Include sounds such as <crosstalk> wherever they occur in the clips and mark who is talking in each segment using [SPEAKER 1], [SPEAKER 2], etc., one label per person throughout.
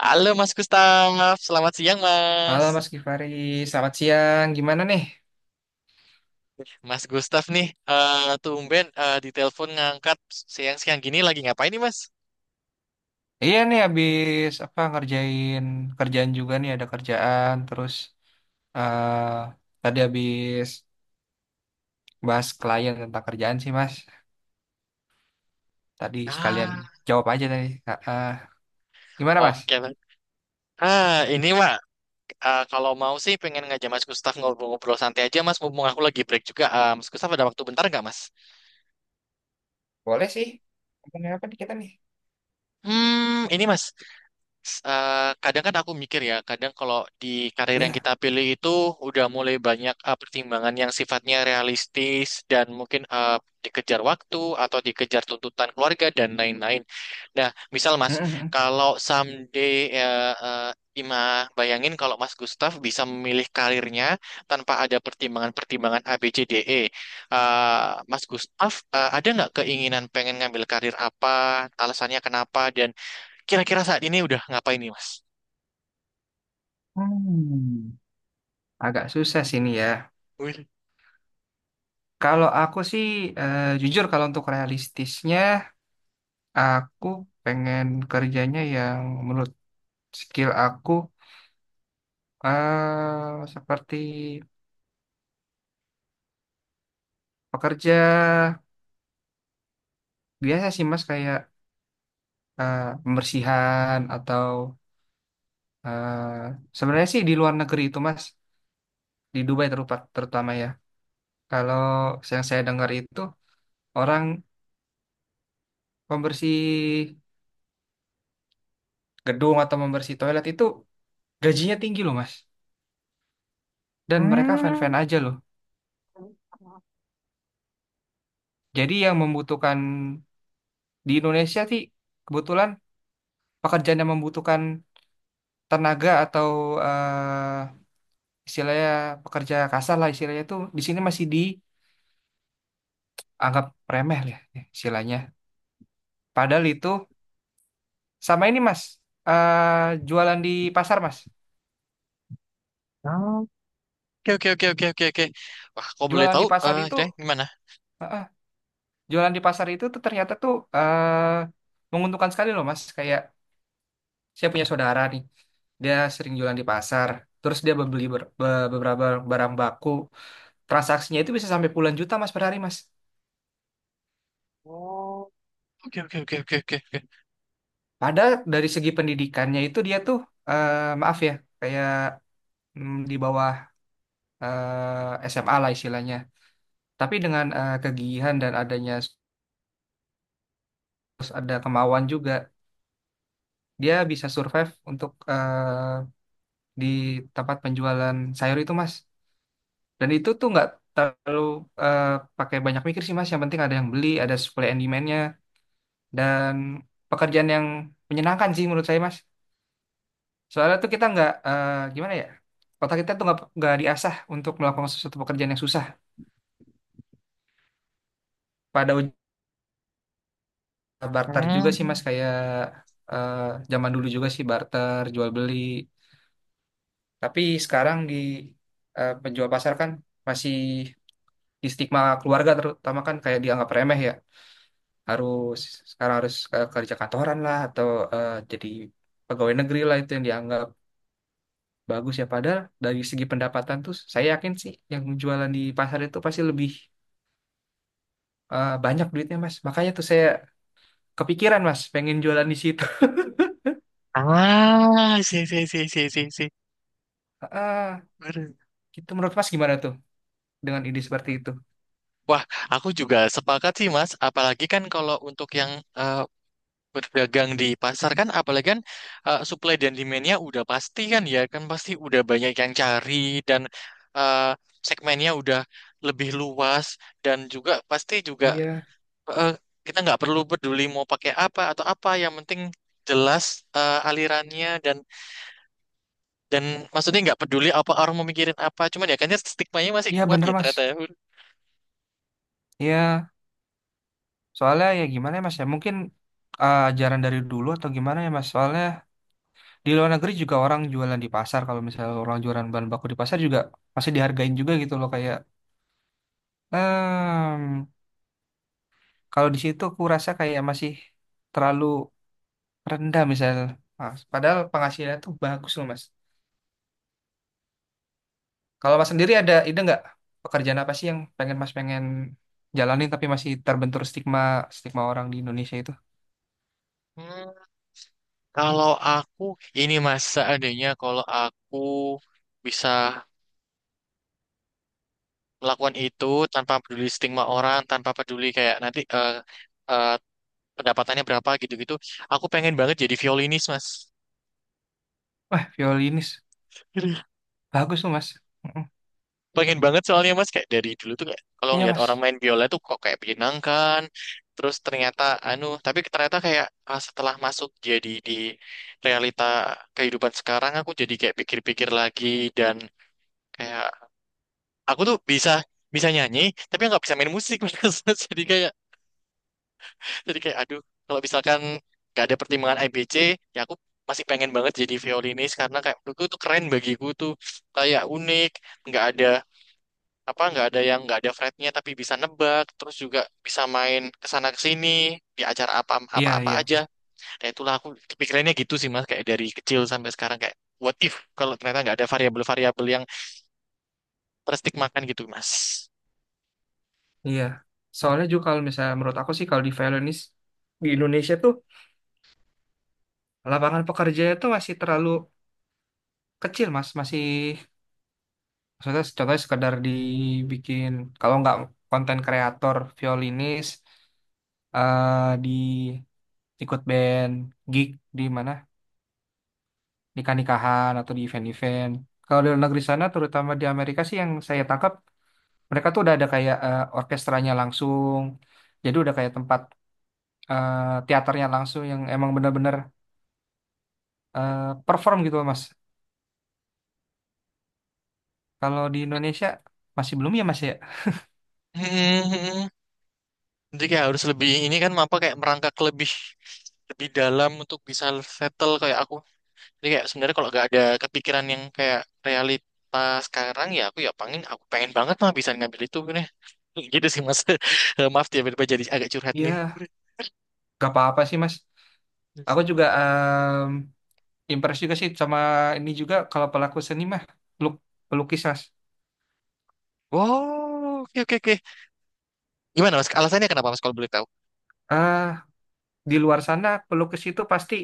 [SPEAKER 1] Halo Mas Gustaf, selamat siang
[SPEAKER 2] Halo
[SPEAKER 1] Mas.
[SPEAKER 2] Mas Gifari, selamat siang. Gimana nih?
[SPEAKER 1] Mas Gustaf nih, tumben di telepon ngangkat siang-siang gini lagi ngapain nih Mas?
[SPEAKER 2] Iya nih, habis apa ngerjain kerjaan juga nih, ada kerjaan. Terus eh tadi habis bahas klien tentang kerjaan sih, Mas. Tadi sekalian
[SPEAKER 1] Ah,
[SPEAKER 2] jawab aja tadi. Ah. Gimana Mas?
[SPEAKER 1] oke. Mas. Ah, ini Mak, kalau mau sih pengen ngajak Mas Gustaf ngobrol-ngobrol santai aja Mas, mumpung aku lagi break juga. Mas Gustaf ada waktu bentar nggak Mas?
[SPEAKER 2] Boleh sih. Ngomongin apa nih kita nih?
[SPEAKER 1] Hmm, ini Mas, kadang kan aku mikir ya, kadang kalau di karir yang
[SPEAKER 2] Iya.
[SPEAKER 1] kita pilih itu udah mulai banyak pertimbangan yang sifatnya realistis dan mungkin dikejar waktu atau dikejar tuntutan keluarga dan lain-lain. Nah, misal Mas,
[SPEAKER 2] Mm-mm.
[SPEAKER 1] kalau someday Ima bayangin kalau Mas Gustaf bisa memilih karirnya tanpa ada pertimbangan-pertimbangan A, B, C, D, E. Mas Gustaf, ada nggak keinginan pengen ngambil karir apa? Alasannya kenapa? Dan kira-kira saat ini udah ngapain nih, Mas?
[SPEAKER 2] Hmm. Agak susah sih ini ya.
[SPEAKER 1] Wih.
[SPEAKER 2] Kalau aku sih jujur kalau untuk realistisnya, aku pengen kerjanya yang menurut skill aku seperti pekerja biasa sih Mas, kayak pembersihan atau eh, sebenarnya sih di luar negeri itu Mas, di Dubai terutama ya. Kalau yang saya dengar itu, orang pembersih gedung atau pembersih toilet itu gajinya tinggi loh Mas, dan mereka
[SPEAKER 1] Hmm.
[SPEAKER 2] fan-fan aja loh. Jadi yang membutuhkan di Indonesia sih kebetulan pekerjaan yang membutuhkan tenaga atau eh, istilahnya pekerja kasar lah istilahnya, itu di sini masih dianggap remeh lah ya, istilahnya. Padahal itu sama ini Mas, jualan di pasar Mas.
[SPEAKER 1] Oh. Oke, oke, oke, oke, oke, oke. Wah, kok boleh
[SPEAKER 2] Jualan
[SPEAKER 1] tahu?
[SPEAKER 2] di pasar
[SPEAKER 1] Eh,
[SPEAKER 2] itu,
[SPEAKER 1] kira gimana?
[SPEAKER 2] eh, eh, jualan di pasar itu tuh ternyata tuh menguntungkan sekali loh Mas. Kayak saya punya saudara nih, dia sering jualan di pasar. Terus dia beli beberapa barang baku. Transaksinya itu bisa sampai puluhan juta Mas per hari Mas.
[SPEAKER 1] Oke, oke, oke, oke, oke, oke.
[SPEAKER 2] Padahal dari segi pendidikannya itu dia tuh eh maaf ya, kayak di bawah SMA lah istilahnya. Tapi dengan kegigihan dan adanya terus ada kemauan juga, dia bisa survive untuk di tempat penjualan sayur itu, Mas. Dan itu tuh nggak terlalu eh, pakai banyak mikir sih, Mas. Yang penting ada yang beli, ada supply and demand-nya, dan pekerjaan yang menyenangkan sih menurut saya, Mas. Soalnya tuh kita nggak gimana ya? Otak kita tuh nggak diasah untuk melakukan sesuatu pekerjaan yang susah. Pada barter juga sih
[SPEAKER 1] Hmm.
[SPEAKER 2] Mas, kayak eh, zaman dulu juga sih barter jual beli. Tapi sekarang di penjual pasar kan masih di stigma keluarga terutama, kan kayak dianggap remeh ya. Harus Sekarang harus kerja kantoran lah, atau jadi pegawai negeri lah, itu yang dianggap bagus ya. Padahal dari segi pendapatan tuh saya yakin sih yang jualan di pasar itu pasti lebih banyak duitnya Mas. Makanya tuh saya kepikiran Mas pengen jualan di situ. <laughs>
[SPEAKER 1] Ah, si, si, si, si, si, si.
[SPEAKER 2] Ah,
[SPEAKER 1] Aduh.
[SPEAKER 2] Gitu menurut Mas gimana tuh, dengan ide seperti itu?
[SPEAKER 1] Wah, aku juga sepakat sih, Mas. Apalagi kan kalau untuk yang eh, berdagang di pasar kan, apalagi kan supply dan demand-nya udah pasti kan ya, kan pasti udah banyak yang cari dan eh, segmennya udah lebih luas dan juga pasti juga
[SPEAKER 2] Iya,
[SPEAKER 1] eh, kita nggak perlu peduli mau pakai apa atau apa yang penting jelas alirannya dan maksudnya nggak peduli apa orang mau mikirin apa cuman ya kayaknya stigmanya masih
[SPEAKER 2] iya
[SPEAKER 1] kuat
[SPEAKER 2] bener
[SPEAKER 1] ya
[SPEAKER 2] mas.
[SPEAKER 1] ternyata ya.
[SPEAKER 2] Iya, soalnya ya gimana ya mas ya, mungkin ajaran dari dulu atau gimana ya mas. Soalnya di luar negeri juga orang jualan di pasar, kalau misalnya orang jualan bahan baku di pasar juga masih dihargain juga gitu loh kayak. emm Kalau di situ aku rasa kayak masih terlalu rendah misalnya, Mas. Padahal penghasilannya tuh bagus loh mas. Kalau mas sendiri ada ide nggak pekerjaan apa sih yang pengen mas pengen jalanin tapi masih terbentur stigma stigma orang di Indonesia itu?
[SPEAKER 1] Hmm, kalau aku ini mas seandainya kalau aku bisa melakukan itu tanpa peduli stigma orang tanpa peduli kayak nanti eh, pendapatannya berapa gitu-gitu aku pengen banget jadi violinis mas,
[SPEAKER 2] Wah, violinis. Bagus tuh, Mas. Mm-mm.
[SPEAKER 1] pengen banget soalnya mas kayak dari dulu tuh kayak kalau
[SPEAKER 2] Iya,
[SPEAKER 1] ngeliat orang
[SPEAKER 2] Mas.
[SPEAKER 1] main biola tuh kok kayak menyenangkan terus ternyata anu tapi ternyata kayak ah, setelah masuk jadi di realita kehidupan sekarang aku jadi kayak pikir-pikir lagi dan kayak aku tuh bisa bisa nyanyi tapi nggak bisa main musik <laughs> Mas. jadi kayak jadi kayak aduh kalau misalkan gak ada pertimbangan IBC ya aku masih pengen banget jadi violinis karena kayak menurutku tuh keren bagiku tuh kayak unik nggak ada apa nggak ada yang nggak ada fretnya tapi bisa nebak terus juga bisa main kesana kesini di acara apa apa
[SPEAKER 2] Iya,
[SPEAKER 1] apa aja.
[SPEAKER 2] iya.
[SPEAKER 1] Nah itulah aku kepikirannya gitu sih mas kayak dari kecil sampai sekarang kayak what if kalau ternyata nggak ada variabel-variabel yang terstigmakan gitu mas.
[SPEAKER 2] Iya. Soalnya juga kalau misalnya menurut aku sih, kalau di violinis di Indonesia tuh lapangan pekerjaannya tuh masih terlalu kecil, Mas. Masih maksudnya contohnya sekedar dibikin kalau nggak konten kreator violinis di ikut band, gig di mana, nikah-nikahan atau di event-event. Kalau di luar negeri sana, terutama di Amerika sih yang saya tangkap, mereka tuh udah ada kayak orkestranya langsung. Jadi udah kayak tempat eh, teaternya langsung, yang emang bener-bener eh, perform gitu Mas. Kalau di Indonesia masih belum ya Mas ya?
[SPEAKER 1] Hmm, jadi kayak harus lebih ini kan apa kayak merangkak lebih lebih dalam untuk bisa settle kayak aku. Jadi kayak sebenarnya kalau nggak ada kepikiran yang kayak realita sekarang ya aku ya pengen pengen banget mah bisa ngambil itu nih. <laughs> Gitu sih Mas. <laughs> Maaf ya, tiba-tiba jadi agak curhat nih.
[SPEAKER 2] Ya, gak apa-apa sih Mas. Aku juga impress juga sih sama ini juga, kalau pelaku seni mah peluk- pelukis Mas.
[SPEAKER 1] Wow, oke oke oke. Gimana Mas? Alasannya kenapa Mas kalau boleh tahu?
[SPEAKER 2] Ah, di luar sana pelukis itu pasti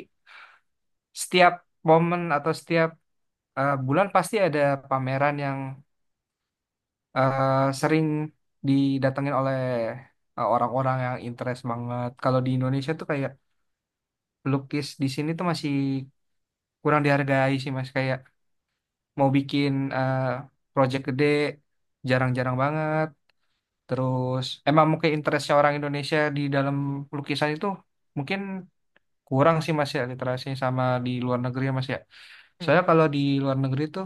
[SPEAKER 2] setiap momen atau setiap bulan pasti ada pameran yang eh, sering didatengin oleh orang-orang yang interest banget. Kalau di Indonesia tuh kayak pelukis di sini tuh masih kurang dihargai sih Mas. Kayak mau bikin eh, project gede jarang-jarang banget. Terus emang mungkin interestnya orang Indonesia di dalam lukisan itu mungkin kurang sih Mas ya, literasinya sama di luar negeri ya Mas ya. Soalnya kalau di luar negeri tuh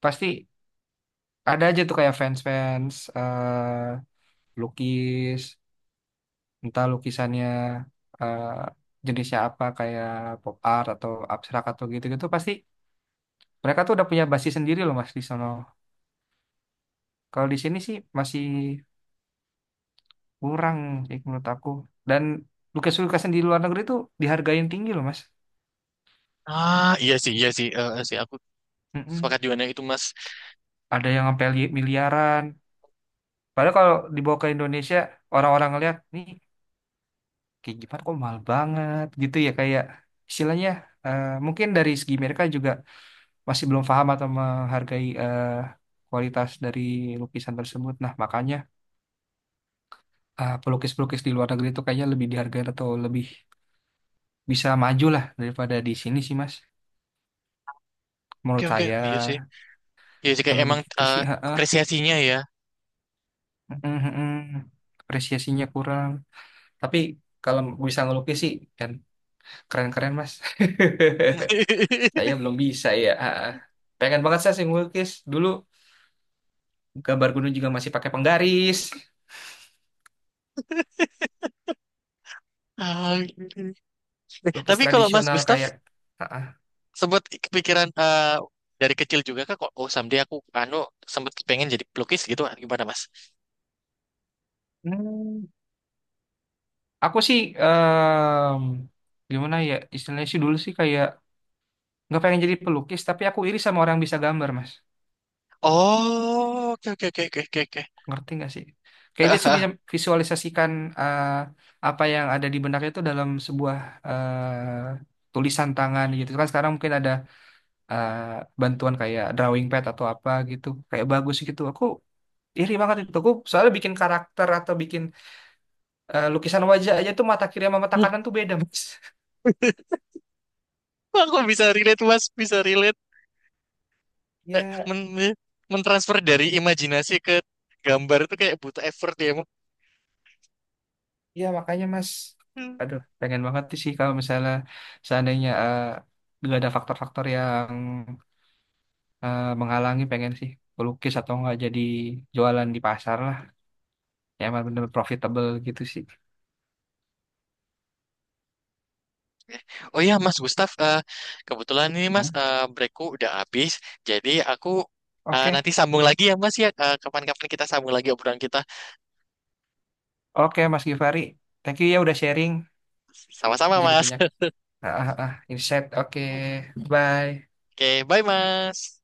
[SPEAKER 2] pasti ada aja tuh kayak fans-fans lukis, entah lukisannya eh, jenisnya apa, kayak pop art atau abstrak atau gitu-gitu, pasti mereka tuh udah punya basis sendiri loh mas di sono. Kalau di sini sih masih kurang sih menurut aku, dan lukisan-lukisan di luar negeri tuh dihargain tinggi loh mas.
[SPEAKER 1] Ah, iya sih, sih aku
[SPEAKER 2] Mm-mm.
[SPEAKER 1] sepakat juga dengan itu Mas.
[SPEAKER 2] Ada yang sampai miliaran, padahal kalau dibawa ke Indonesia orang-orang ngeliat nih kayak gimana kok mahal banget gitu ya, kayak istilahnya mungkin dari segi mereka juga masih belum paham atau menghargai kualitas dari lukisan tersebut. Nah, makanya pelukis-pelukis di luar negeri itu kayaknya lebih dihargai atau lebih bisa maju lah daripada di sini sih, Mas.
[SPEAKER 1] Oke
[SPEAKER 2] Menurut
[SPEAKER 1] oke,
[SPEAKER 2] saya,
[SPEAKER 1] iya sih. Iya sih kayak
[SPEAKER 2] kalau
[SPEAKER 1] emang
[SPEAKER 2] begitu sih, heeh.
[SPEAKER 1] apresiasinya ya.
[SPEAKER 2] Mm, mm, mm. Apresiasinya kurang. Tapi kalau bisa ngelukis sih, kan keren-keren, Mas. <laughs> Saya
[SPEAKER 1] <laughs>
[SPEAKER 2] belum bisa ya, heeh. Pengen banget saya sih ngelukis. Dulu gambar gunung juga masih pakai penggaris.
[SPEAKER 1] Ah, gitu.
[SPEAKER 2] Lukis
[SPEAKER 1] Tapi kalau Mas
[SPEAKER 2] tradisional
[SPEAKER 1] Gustaf
[SPEAKER 2] kayak Ah, ah.
[SPEAKER 1] sempet kepikiran dari kecil juga kak kok oh someday aku anu sempet pengen jadi pelukis gitu gimana Mas?
[SPEAKER 2] hmm Aku sih gimana ya istilahnya sih, dulu sih kayak nggak pengen jadi pelukis tapi aku iri sama orang yang bisa gambar mas,
[SPEAKER 1] Oh, oke oke oke oke oke. oke.
[SPEAKER 2] ngerti nggak sih, kayak dia
[SPEAKER 1] Ah,
[SPEAKER 2] tuh
[SPEAKER 1] ah.
[SPEAKER 2] bisa visualisasikan eh, apa yang ada di benaknya itu dalam sebuah tulisan tangan gitu kan. Sekarang mungkin ada eh, bantuan kayak drawing pad atau apa gitu, kayak bagus gitu. Aku iri banget itu aku, soalnya bikin karakter atau bikin lukisan wajah aja tuh mata kiri sama mata kanan tuh beda mas.
[SPEAKER 1] <laughs> Aku bisa relate Mas, bisa relate.
[SPEAKER 2] <laughs>
[SPEAKER 1] Eh,
[SPEAKER 2] Ya,
[SPEAKER 1] Men men- mentransfer dari imajinasi ke gambar itu kayak butuh effort ya. Mas.
[SPEAKER 2] iya makanya Mas, aduh pengen banget sih kalau misalnya seandainya nggak ada faktor-faktor yang menghalangi, pengen sih pelukis atau nggak jadi jualan di pasar lah, yang emang bener profitable gitu sih.
[SPEAKER 1] Oh iya Mas Gustaf, kebetulan ini Mas
[SPEAKER 2] Hmm?
[SPEAKER 1] breakku udah habis, jadi aku
[SPEAKER 2] Oke.
[SPEAKER 1] nanti sambung lagi ya Mas ya. Eh, kapan-kapan kita sambung lagi obrolan kita.
[SPEAKER 2] Oke Mas Givari, thank you ya udah sharing,
[SPEAKER 1] Sama-sama
[SPEAKER 2] jadi
[SPEAKER 1] Mas.
[SPEAKER 2] banyak
[SPEAKER 1] <laughs>
[SPEAKER 2] insight. Oke, bye.
[SPEAKER 1] Oke, bye Mas.